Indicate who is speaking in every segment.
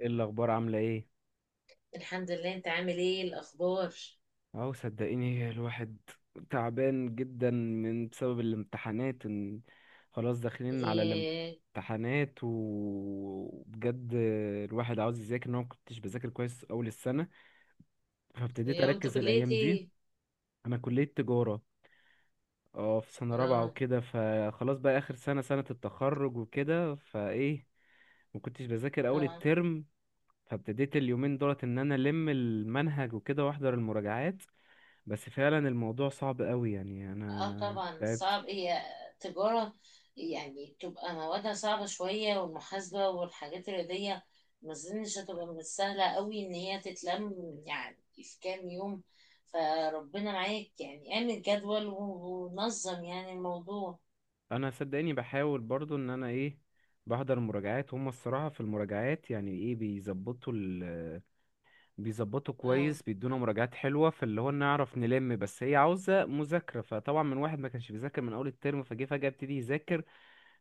Speaker 1: ايه الاخبار؟ عامله ايه؟
Speaker 2: الحمد لله. انت عامل ايه؟ الاخبار؟
Speaker 1: اهو صدقيني الواحد تعبان جدا بسبب الامتحانات، إن خلاص داخلين على
Speaker 2: ياه.
Speaker 1: الامتحانات، وبجد الواحد عاوز يذاكر، ان انا ما كنتش بذاكر كويس اول السنه فابتديت
Speaker 2: يا وانت
Speaker 1: اركز
Speaker 2: كليتي
Speaker 1: الايام دي.
Speaker 2: ايه؟
Speaker 1: انا كليه تجاره، اه، في سنه رابعه
Speaker 2: اه،
Speaker 1: وكده، فخلاص بقى اخر سنه، سنه التخرج وكده، فايه، ما كنتش بذاكر اول
Speaker 2: اه،
Speaker 1: الترم، فابتديت اليومين دولت ان انا الم المنهج وكده واحضر المراجعات. بس فعلا الموضوع صعب قوي، يعني
Speaker 2: اه،
Speaker 1: انا
Speaker 2: طبعا
Speaker 1: تعبت.
Speaker 2: صعب. هي تجارة. يعني تبقى موادها صعبة شوية، والمحاسبة والحاجات الرياضية ما اظنش هتبقى من السهلة قوي ان هي تتلم يعني في كام يوم. فربنا معاك، يعني اعمل جدول ونظم يعني الموضوع.
Speaker 1: انا صدقني بحاول برضو ان انا ايه، بحضر مراجعات. هم الصراحة في المراجعات يعني، ايه، بيظبطوا
Speaker 2: اه،
Speaker 1: كويس، بيدونا مراجعات حلوة فاللي هو نعرف نلم، بس هي عاوزة مذاكرة، فطبعا من واحد ما كانش بيذاكر من اول الترم فجه فجأة ابتدي يذاكر،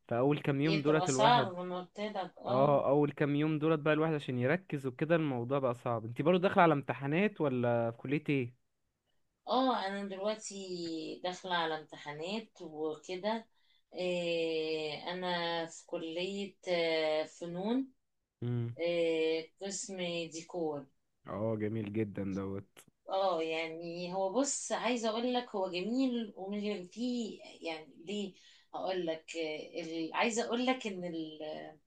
Speaker 1: فاول كام
Speaker 2: هي
Speaker 1: يوم
Speaker 2: بتبقى
Speaker 1: دولت الواحد،
Speaker 2: صعبة من قلت لك، اه.
Speaker 1: اه، اول كام يوم دولت بقى الواحد عشان يركز وكده الموضوع بقى صعب. انت برضو داخلة على امتحانات، ولا في كلية ايه؟
Speaker 2: اه، انا دلوقتي داخلة على امتحانات وكده. إيه، انا في كلية فنون.
Speaker 1: امم
Speaker 2: إيه، قسم ديكور.
Speaker 1: اه، جميل جدا دوت.
Speaker 2: اه، يعني هو بص، عايزه اقول لك هو جميل ومش جميل فيه، يعني ليه؟ اقول لك، عايزه اقول لك ان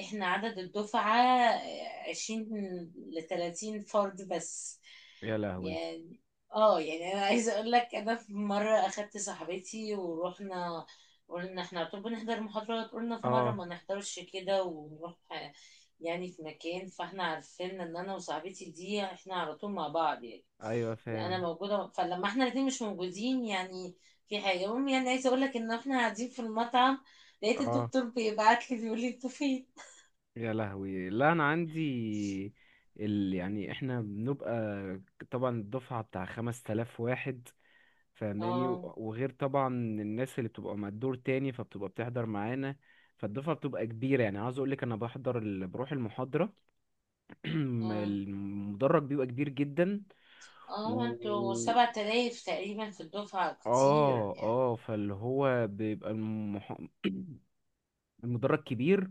Speaker 2: احنا عدد الدفعه 20 ل 30 فرد بس
Speaker 1: يا لهوي.
Speaker 2: يعني. اه، يعني انا عايزه اقول لك، انا في مره اخدت صاحبتي ورحنا، قلنا احنا طب نحضر محاضرات، قلنا في مره
Speaker 1: اه،
Speaker 2: ما نحضرش كده ونروح يعني في مكان. فاحنا عارفين ان انا وصاحبتي دي احنا على طول مع بعض، يعني
Speaker 1: ايوه،
Speaker 2: انا
Speaker 1: فاهم.
Speaker 2: موجوده، فلما احنا الاثنين مش موجودين يعني في حاجه. المهم يعني عايزه اقول لك ان احنا قاعدين في المطعم، لقيت
Speaker 1: اه.
Speaker 2: الدكتور بيبعت لي بيقول لي انتوا فين.
Speaker 1: يا لهوي. لا انا عندي يعني احنا بنبقى، طبعا الدفعه بتاع 5000 واحد، فاهماني؟
Speaker 2: اه،
Speaker 1: وغير طبعا الناس اللي بتبقى مع الدور تاني، فبتبقى بتحضر معانا، فالدفعه بتبقى كبيره، يعني عاوز اقولك، انا بحضر بروح المحاضره،
Speaker 2: اه،
Speaker 1: المدرج بيبقى كبير جدا،
Speaker 2: اه، انتوا
Speaker 1: و
Speaker 2: 7000 تقريبا في الدفعه، كتير
Speaker 1: اه
Speaker 2: يعني.
Speaker 1: اه فاللي هو بيبقى المدرج كبير،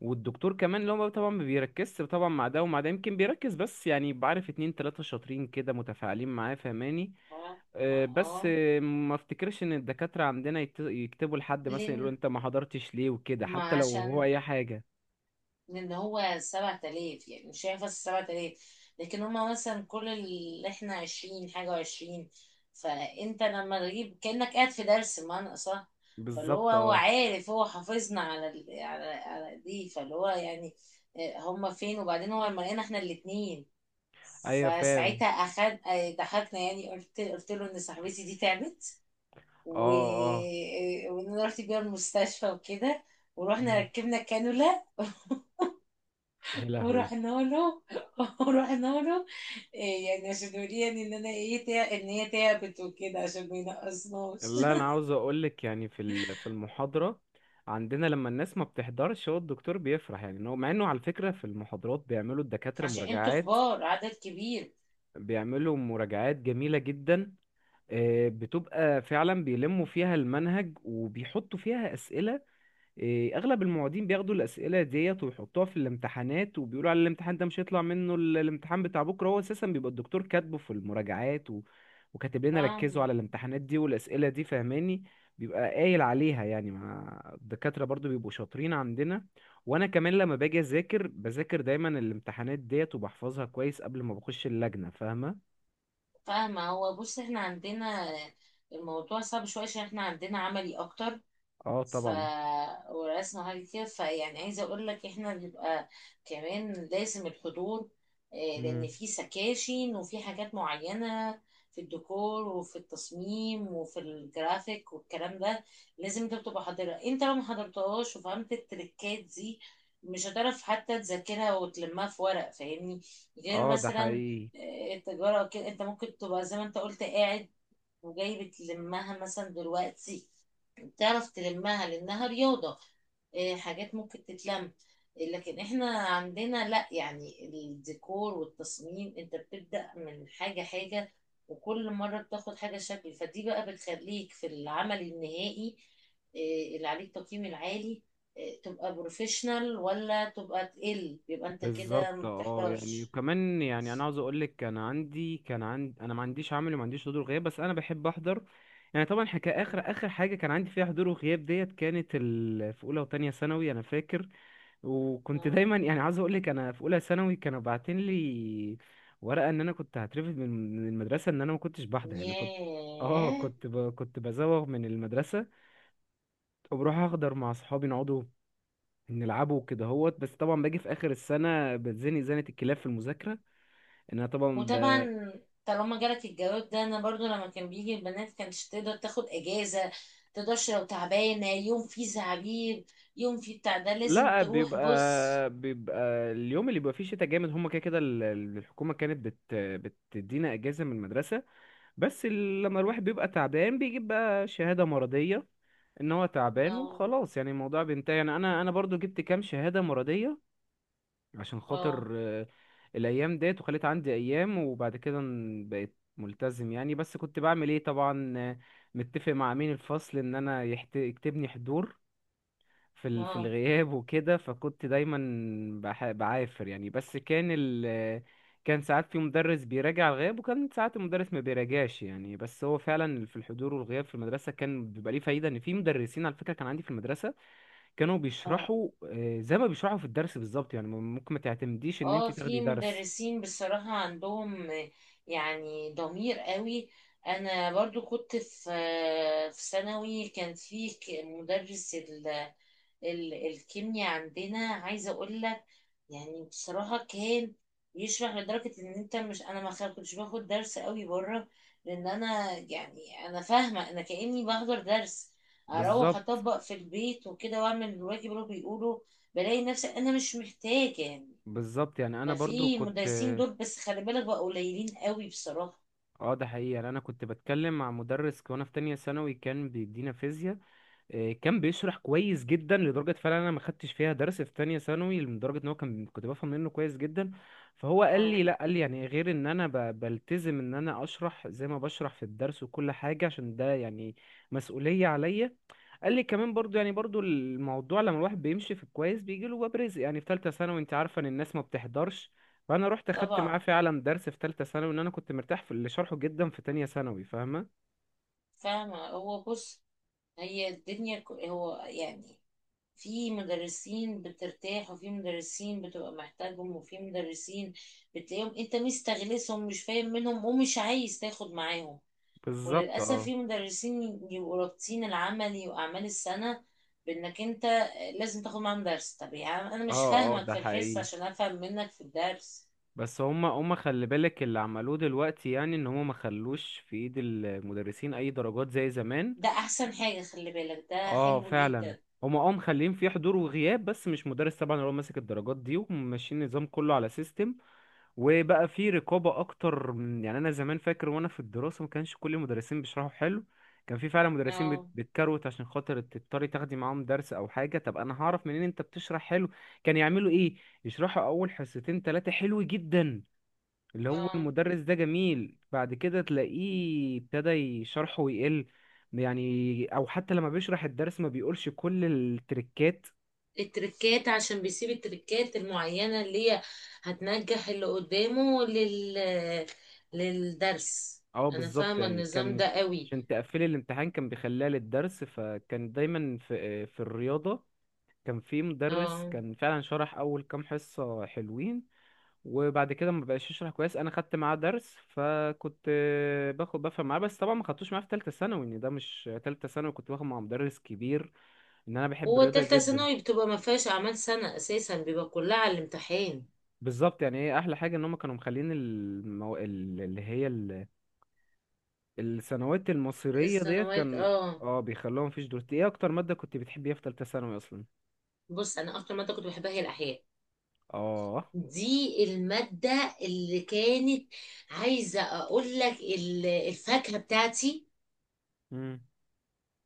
Speaker 1: والدكتور كمان اللي هو طبعا ما بيركزش، طبعا، مع ده ومع ده، يمكن بيركز، بس يعني بعرف اتنين تلاتة شاطرين كده متفاعلين معاه، فهماني؟
Speaker 2: ف- ما
Speaker 1: بس،
Speaker 2: اه
Speaker 1: ما افتكرش ان الدكاترة عندنا يكتبوا لحد مثلا يقولوا
Speaker 2: لين،
Speaker 1: انت ما حضرتش ليه وكده،
Speaker 2: ما
Speaker 1: حتى لو هو
Speaker 2: عشان،
Speaker 1: اي حاجة.
Speaker 2: لان هو 7000 يعني، مش هينفع الـ7000. لكن هما مثلا كل اللي احنا 20 حاجة وعشرين، فانت لما تجيب كأنك قاعد في درس بمعنى صح. فاللي هو
Speaker 1: بالظبط،
Speaker 2: هو
Speaker 1: اه.
Speaker 2: عارف، هو حافظنا على دي، فاللي هو يعني هما فين؟ وبعدين هو لما لقينا احنا الاتنين،
Speaker 1: ايوه، فاهم.
Speaker 2: فساعتها أخد ضحكنا. يعني قلت له ان صاحبتي دي تعبت و...
Speaker 1: اه، اه.
Speaker 2: آه، وان انا رحت بيها المستشفى وكده، ورحنا
Speaker 1: مم.
Speaker 2: ركبنا كانولا،
Speaker 1: يا لهوي.
Speaker 2: ورحنا له ورحنا له. إيه، يعني عشان يوريني ان انا ايه، ان هي تعبت وكده عشان ما ينقصناش.
Speaker 1: لا انا عاوز اقولك، يعني في المحاضره عندنا لما الناس ما بتحضرش هو الدكتور بيفرح، يعني إن هو، مع انه على فكره في المحاضرات بيعملوا الدكاتره
Speaker 2: عشان انتوا
Speaker 1: مراجعات،
Speaker 2: كبار، عدد كبير.
Speaker 1: بيعملوا مراجعات جميله جدا، بتبقى فعلا بيلموا فيها المنهج وبيحطوا فيها اسئله. إيه، اغلب المعيدين بياخدوا الاسئله ديت ويحطوها في الامتحانات، وبيقولوا على الامتحان ده مش هيطلع منه، الامتحان بتاع بكره هو اساسا بيبقى الدكتور كاتبه في المراجعات، وكاتب لنا ركزوا
Speaker 2: فاهمة،
Speaker 1: على الامتحانات دي والاسئله دي، فهماني؟ بيبقى قايل عليها، يعني مع الدكاتره برضو بيبقوا شاطرين عندنا، وانا كمان لما باجي اذاكر بذاكر دايما الامتحانات ديت وبحفظها كويس قبل ما بخش اللجنه، فاهمه؟
Speaker 2: فاهمة. هو بص، احنا عندنا الموضوع صعب شوية عشان احنا عندنا عملي اكتر،
Speaker 1: اه،
Speaker 2: ف
Speaker 1: طبعا.
Speaker 2: ورسمة حاجة كده. فيعني عايزة أقول لك إحنا بنبقى كمان لازم الحضور، لأن
Speaker 1: مم.
Speaker 2: في سكاشن وفي حاجات معينة في الديكور وفي التصميم وفي الجرافيك والكلام ده. لازم أنت بتبقى حاضرها. أنت لو ما حضرتهاش وفهمت التريكات دي، مش هتعرف حتى تذاكرها وتلمها في ورق، فاهمني؟ غير
Speaker 1: اه، ده
Speaker 2: مثلا
Speaker 1: حقيقي.
Speaker 2: التجارة أو كده، أنت ممكن تبقى زي ما أنت قلت قاعد وجاي بتلمها مثلا دلوقتي، تعرف تلمها لانها رياضة. إيه، حاجات ممكن تتلم. لكن احنا عندنا لا، يعني الديكور والتصميم انت بتبدأ من حاجة حاجة، وكل مرة بتاخد حاجة شكل. فدي بقى بتخليك في العمل النهائي، إيه، اللي عليك تقييم العالي، إيه، تبقى بروفيشنال ولا تبقى تقل. يبقى انت كده
Speaker 1: بالظبط،
Speaker 2: ما
Speaker 1: اه. يعني
Speaker 2: بتحضرش.
Speaker 1: وكمان، يعني انا عاوز اقول لك، كان عندي انا ما عنديش عمل وما عنديش حضور وغياب، بس انا بحب احضر. يعني طبعا حكا، اخر
Speaker 2: مم.
Speaker 1: اخر حاجه كان عندي فيها حضور وغياب ديت كانت في اولى وتانية ثانوي، انا فاكر، وكنت
Speaker 2: اه،
Speaker 1: دايما، يعني عاوز اقول لك، انا في اولى ثانوي كانوا باعتين لي ورقه ان انا كنت هترفد من المدرسه، ان انا ما كنتش بحضر، يعني كنت،
Speaker 2: ياه.
Speaker 1: كنت بزوغ من المدرسه وبروح احضر مع اصحابي، نقعدوا نلعبه كده هوت، بس طبعا باجي في اخر السنه بتزني زنه الكلاب في المذاكره، ان انا طبعا
Speaker 2: وطبعا طالما جالك الجواب ده، انا برضو لما كان بيجي البنات كانتش تقدر تاخد اجازه. تقدرش، لو تعبانه يوم فيه زعبيب يوم فيه بتاع ده لازم
Speaker 1: لا،
Speaker 2: تروح، بص.
Speaker 1: بيبقى اليوم اللي بيبقى فيه شتاء جامد هما كده كده الحكومة كانت بتدينا اجازة من المدرسة، بس لما الواحد بيبقى تعبان بيجيب بقى شهادة مرضية ان هو تعبان
Speaker 2: ما،
Speaker 1: وخلاص، يعني الموضوع بينتهي، يعني انا برضو جبت كام شهادة مرضية عشان خاطر
Speaker 2: اه،
Speaker 1: الايام ديت، وخليت عندي ايام، وبعد كده بقيت ملتزم، يعني بس كنت بعمل ايه، طبعا، متفق مع امين الفصل ان انا يكتبني حضور في في
Speaker 2: اه،
Speaker 1: الغياب وكده، فكنت دايما بعافر يعني، بس كان ال... آه، كان ساعات في مدرس بيراجع الغياب، وكان ساعات المدرس ما بيراجعش، يعني بس هو فعلا في الحضور والغياب في المدرسة كان بيبقى ليه فايدة، ان في مدرسين على فكرة كان عندي في المدرسة كانوا
Speaker 2: اه،
Speaker 1: بيشرحوا، زي ما بيشرحوا في الدرس بالظبط، يعني ممكن ما تعتمديش ان انت
Speaker 2: اه،
Speaker 1: تاخدي
Speaker 2: في
Speaker 1: درس.
Speaker 2: مدرسين بصراحة عندهم يعني ضمير قوي. انا برضو كنت في ثانوي. كان في مدرس ال ال الكيمياء عندنا، عايزة اقول لك يعني بصراحة كان يشرح لدرجة ان انت مش، انا ما كنتش باخد درس قوي بره. لان انا يعني انا فاهمة، انا كأني بحضر درس، اروح
Speaker 1: بالظبط.
Speaker 2: اطبق في البيت وكده، واعمل الواجب اللي هو بيقوله، بلاقي نفسي انا مش محتاجة يعني.
Speaker 1: يعني انا برضو
Speaker 2: ففي
Speaker 1: كنت،
Speaker 2: مدرسين دول، بس خلي بالك بقى قليلين قوي بصراحة.
Speaker 1: اه، ده حقيقي. يعني انا كنت بتكلم مع مدرس وانا في تانية ثانوي كان بيدينا فيزياء، كان بيشرح كويس جدا، لدرجة فعلا انا ما خدتش فيها درس في تانية ثانوي، لدرجة ان هو كنت بفهم منه كويس جدا، فهو قال
Speaker 2: اه
Speaker 1: لي لا، قال لي يعني غير ان انا بلتزم ان انا اشرح زي ما بشرح في الدرس وكل حاجة، عشان ده يعني مسؤولية عليا، قال لي كمان برضو، يعني برضو الموضوع لما الواحد بيمشي في الكويس بيجي له باب رزق، يعني في ثالثه ثانوي انت عارفه ان الناس ما بتحضرش، فانا رحت اخدت
Speaker 2: طبعا.
Speaker 1: معاه فعلا درس في ثالثه ثانوي، ان انا كنت مرتاح في اللي شرحه جدا في تانية ثانوي، فاهمه؟
Speaker 2: فاهمة. هو بص، هي الدنيا هو يعني في مدرسين بترتاح، وفي مدرسين بتبقى محتاجهم، وفي مدرسين بتلاقيهم انت مستغلسهم مش فاهم منهم ومش عايز تاخد معاهم.
Speaker 1: بالظبط،
Speaker 2: وللأسف
Speaker 1: اه،
Speaker 2: في مدرسين يبقوا رابطين العملي وأعمال السنة بإنك أنت لازم تاخد معاهم درس. طب يا عم، أنا مش
Speaker 1: اه
Speaker 2: فاهمك
Speaker 1: ده
Speaker 2: في الحصة
Speaker 1: حقيقي.
Speaker 2: عشان أفهم منك في الدرس؟
Speaker 1: بس هما خلي بالك، اللي عملوه دلوقتي يعني ان هما ما خلوش في ايد المدرسين اي درجات زي زمان.
Speaker 2: ده احسن حاجة، خلي بالك ده
Speaker 1: اه،
Speaker 2: حلو
Speaker 1: فعلا،
Speaker 2: جدا.
Speaker 1: هما، اه، مخليين فيه حضور وغياب بس مش مدرس طبعا هو ماسك الدرجات دي، وماشيين النظام كله على سيستم، وبقى في رقابة أكتر. من يعني أنا زمان فاكر وأنا في الدراسة ما كانش كل المدرسين بيشرحوا حلو، كان في فعلا مدرسين
Speaker 2: اه،
Speaker 1: بتكروت عشان خاطر تضطري تاخدي معاهم درس أو حاجة. طب أنا هعرف منين أنت بتشرح حلو؟ كان يعملوا إيه، يشرحوا أول حصتين تلاتة حلو جدا، اللي هو
Speaker 2: اه،
Speaker 1: المدرس ده جميل، بعد كده تلاقيه ابتدى شرحه يقل، يعني، أو حتى لما بيشرح الدرس ما بيقولش كل التريكات.
Speaker 2: التركات عشان بيسيب التركات المعينة اللي هي هتنجح اللي قدامه للدرس.
Speaker 1: اه،
Speaker 2: انا
Speaker 1: بالظبط،
Speaker 2: فاهمة
Speaker 1: يعني
Speaker 2: النظام
Speaker 1: كان
Speaker 2: ده قوي.
Speaker 1: عشان تقفلي الامتحان كان بيخليها للدرس، فكان دايما في، في الرياضة كان في مدرس
Speaker 2: اه،
Speaker 1: كان فعلا شرح أول كام حصة حلوين، وبعد كده ما بقاش يشرح كويس، أنا خدت معاه درس فكنت، باخد بفهم معاه، بس طبعا ما خدتوش معاه في تالتة ثانوي، إن ده مش تالتة ثانوي، كنت باخد مع مدرس كبير، إن أنا بحب
Speaker 2: هو
Speaker 1: الرياضة
Speaker 2: تالتة
Speaker 1: جدا.
Speaker 2: ثانوي بتبقى ما فيهاش اعمال سنة اساسا، بيبقى كلها على الامتحان.
Speaker 1: بالظبط، يعني هي أحلى حاجة إن هما كانوا مخلين اللي هي الثانويات المصيرية ديت،
Speaker 2: السنوات،
Speaker 1: كان،
Speaker 2: اه.
Speaker 1: اه، بيخلوها مفيش دروس. ايه اكتر مادة كنت بتحبيها في تالتة ثانوي اصلا؟
Speaker 2: بص، انا اكتر مادة كنت بحبها هي الاحياء.
Speaker 1: اه.
Speaker 2: دي المادة اللي كانت، عايزة اقول لك الفاكهة بتاعتي.
Speaker 1: امم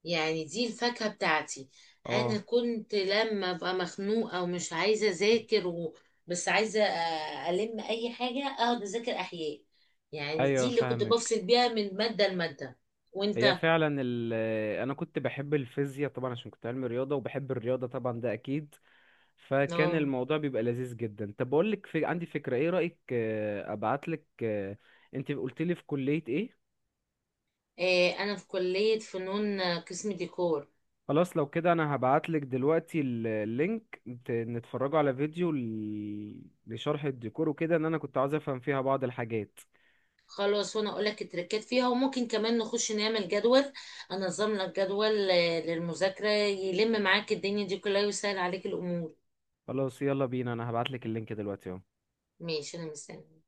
Speaker 2: يعني دي الفاكهة بتاعتي.
Speaker 1: اه،
Speaker 2: انا كنت لما ابقى مخنوقة ومش عايزة اذاكر بس عايزة الم اي حاجة، اقعد اذاكر احياء. يعني دي
Speaker 1: ايوه،
Speaker 2: اللي كنت
Speaker 1: فاهمك.
Speaker 2: بفصل بيها من مادة لمادة.
Speaker 1: هي
Speaker 2: وانت؟
Speaker 1: فعلا انا كنت بحب الفيزياء طبعا، عشان كنت علمي رياضة وبحب الرياضة طبعا، ده اكيد، فكان
Speaker 2: اه،
Speaker 1: الموضوع بيبقى لذيذ جدا. طب بقول لك عندي فكرة، ايه رأيك، ابعت لك، انت قلت لي في كلية ايه؟
Speaker 2: انا في كلية فنون، قسم ديكور.
Speaker 1: خلاص، لو كده انا هبعتلك دلوقتي اللينك نتفرجوا على فيديو لشرح الديكور وكده، ان انا كنت عاوز افهم فيها بعض الحاجات.
Speaker 2: خلاص، وانا اقول لك التركات فيها. وممكن كمان نخش نعمل جدول، انظم لك جدول للمذاكرة، يلم معاك الدنيا دي كلها ويسهل عليك الامور.
Speaker 1: خلاص، يلا بينا، انا هبعتلك اللينك دلوقتي اهو.
Speaker 2: ماشي، انا مستني.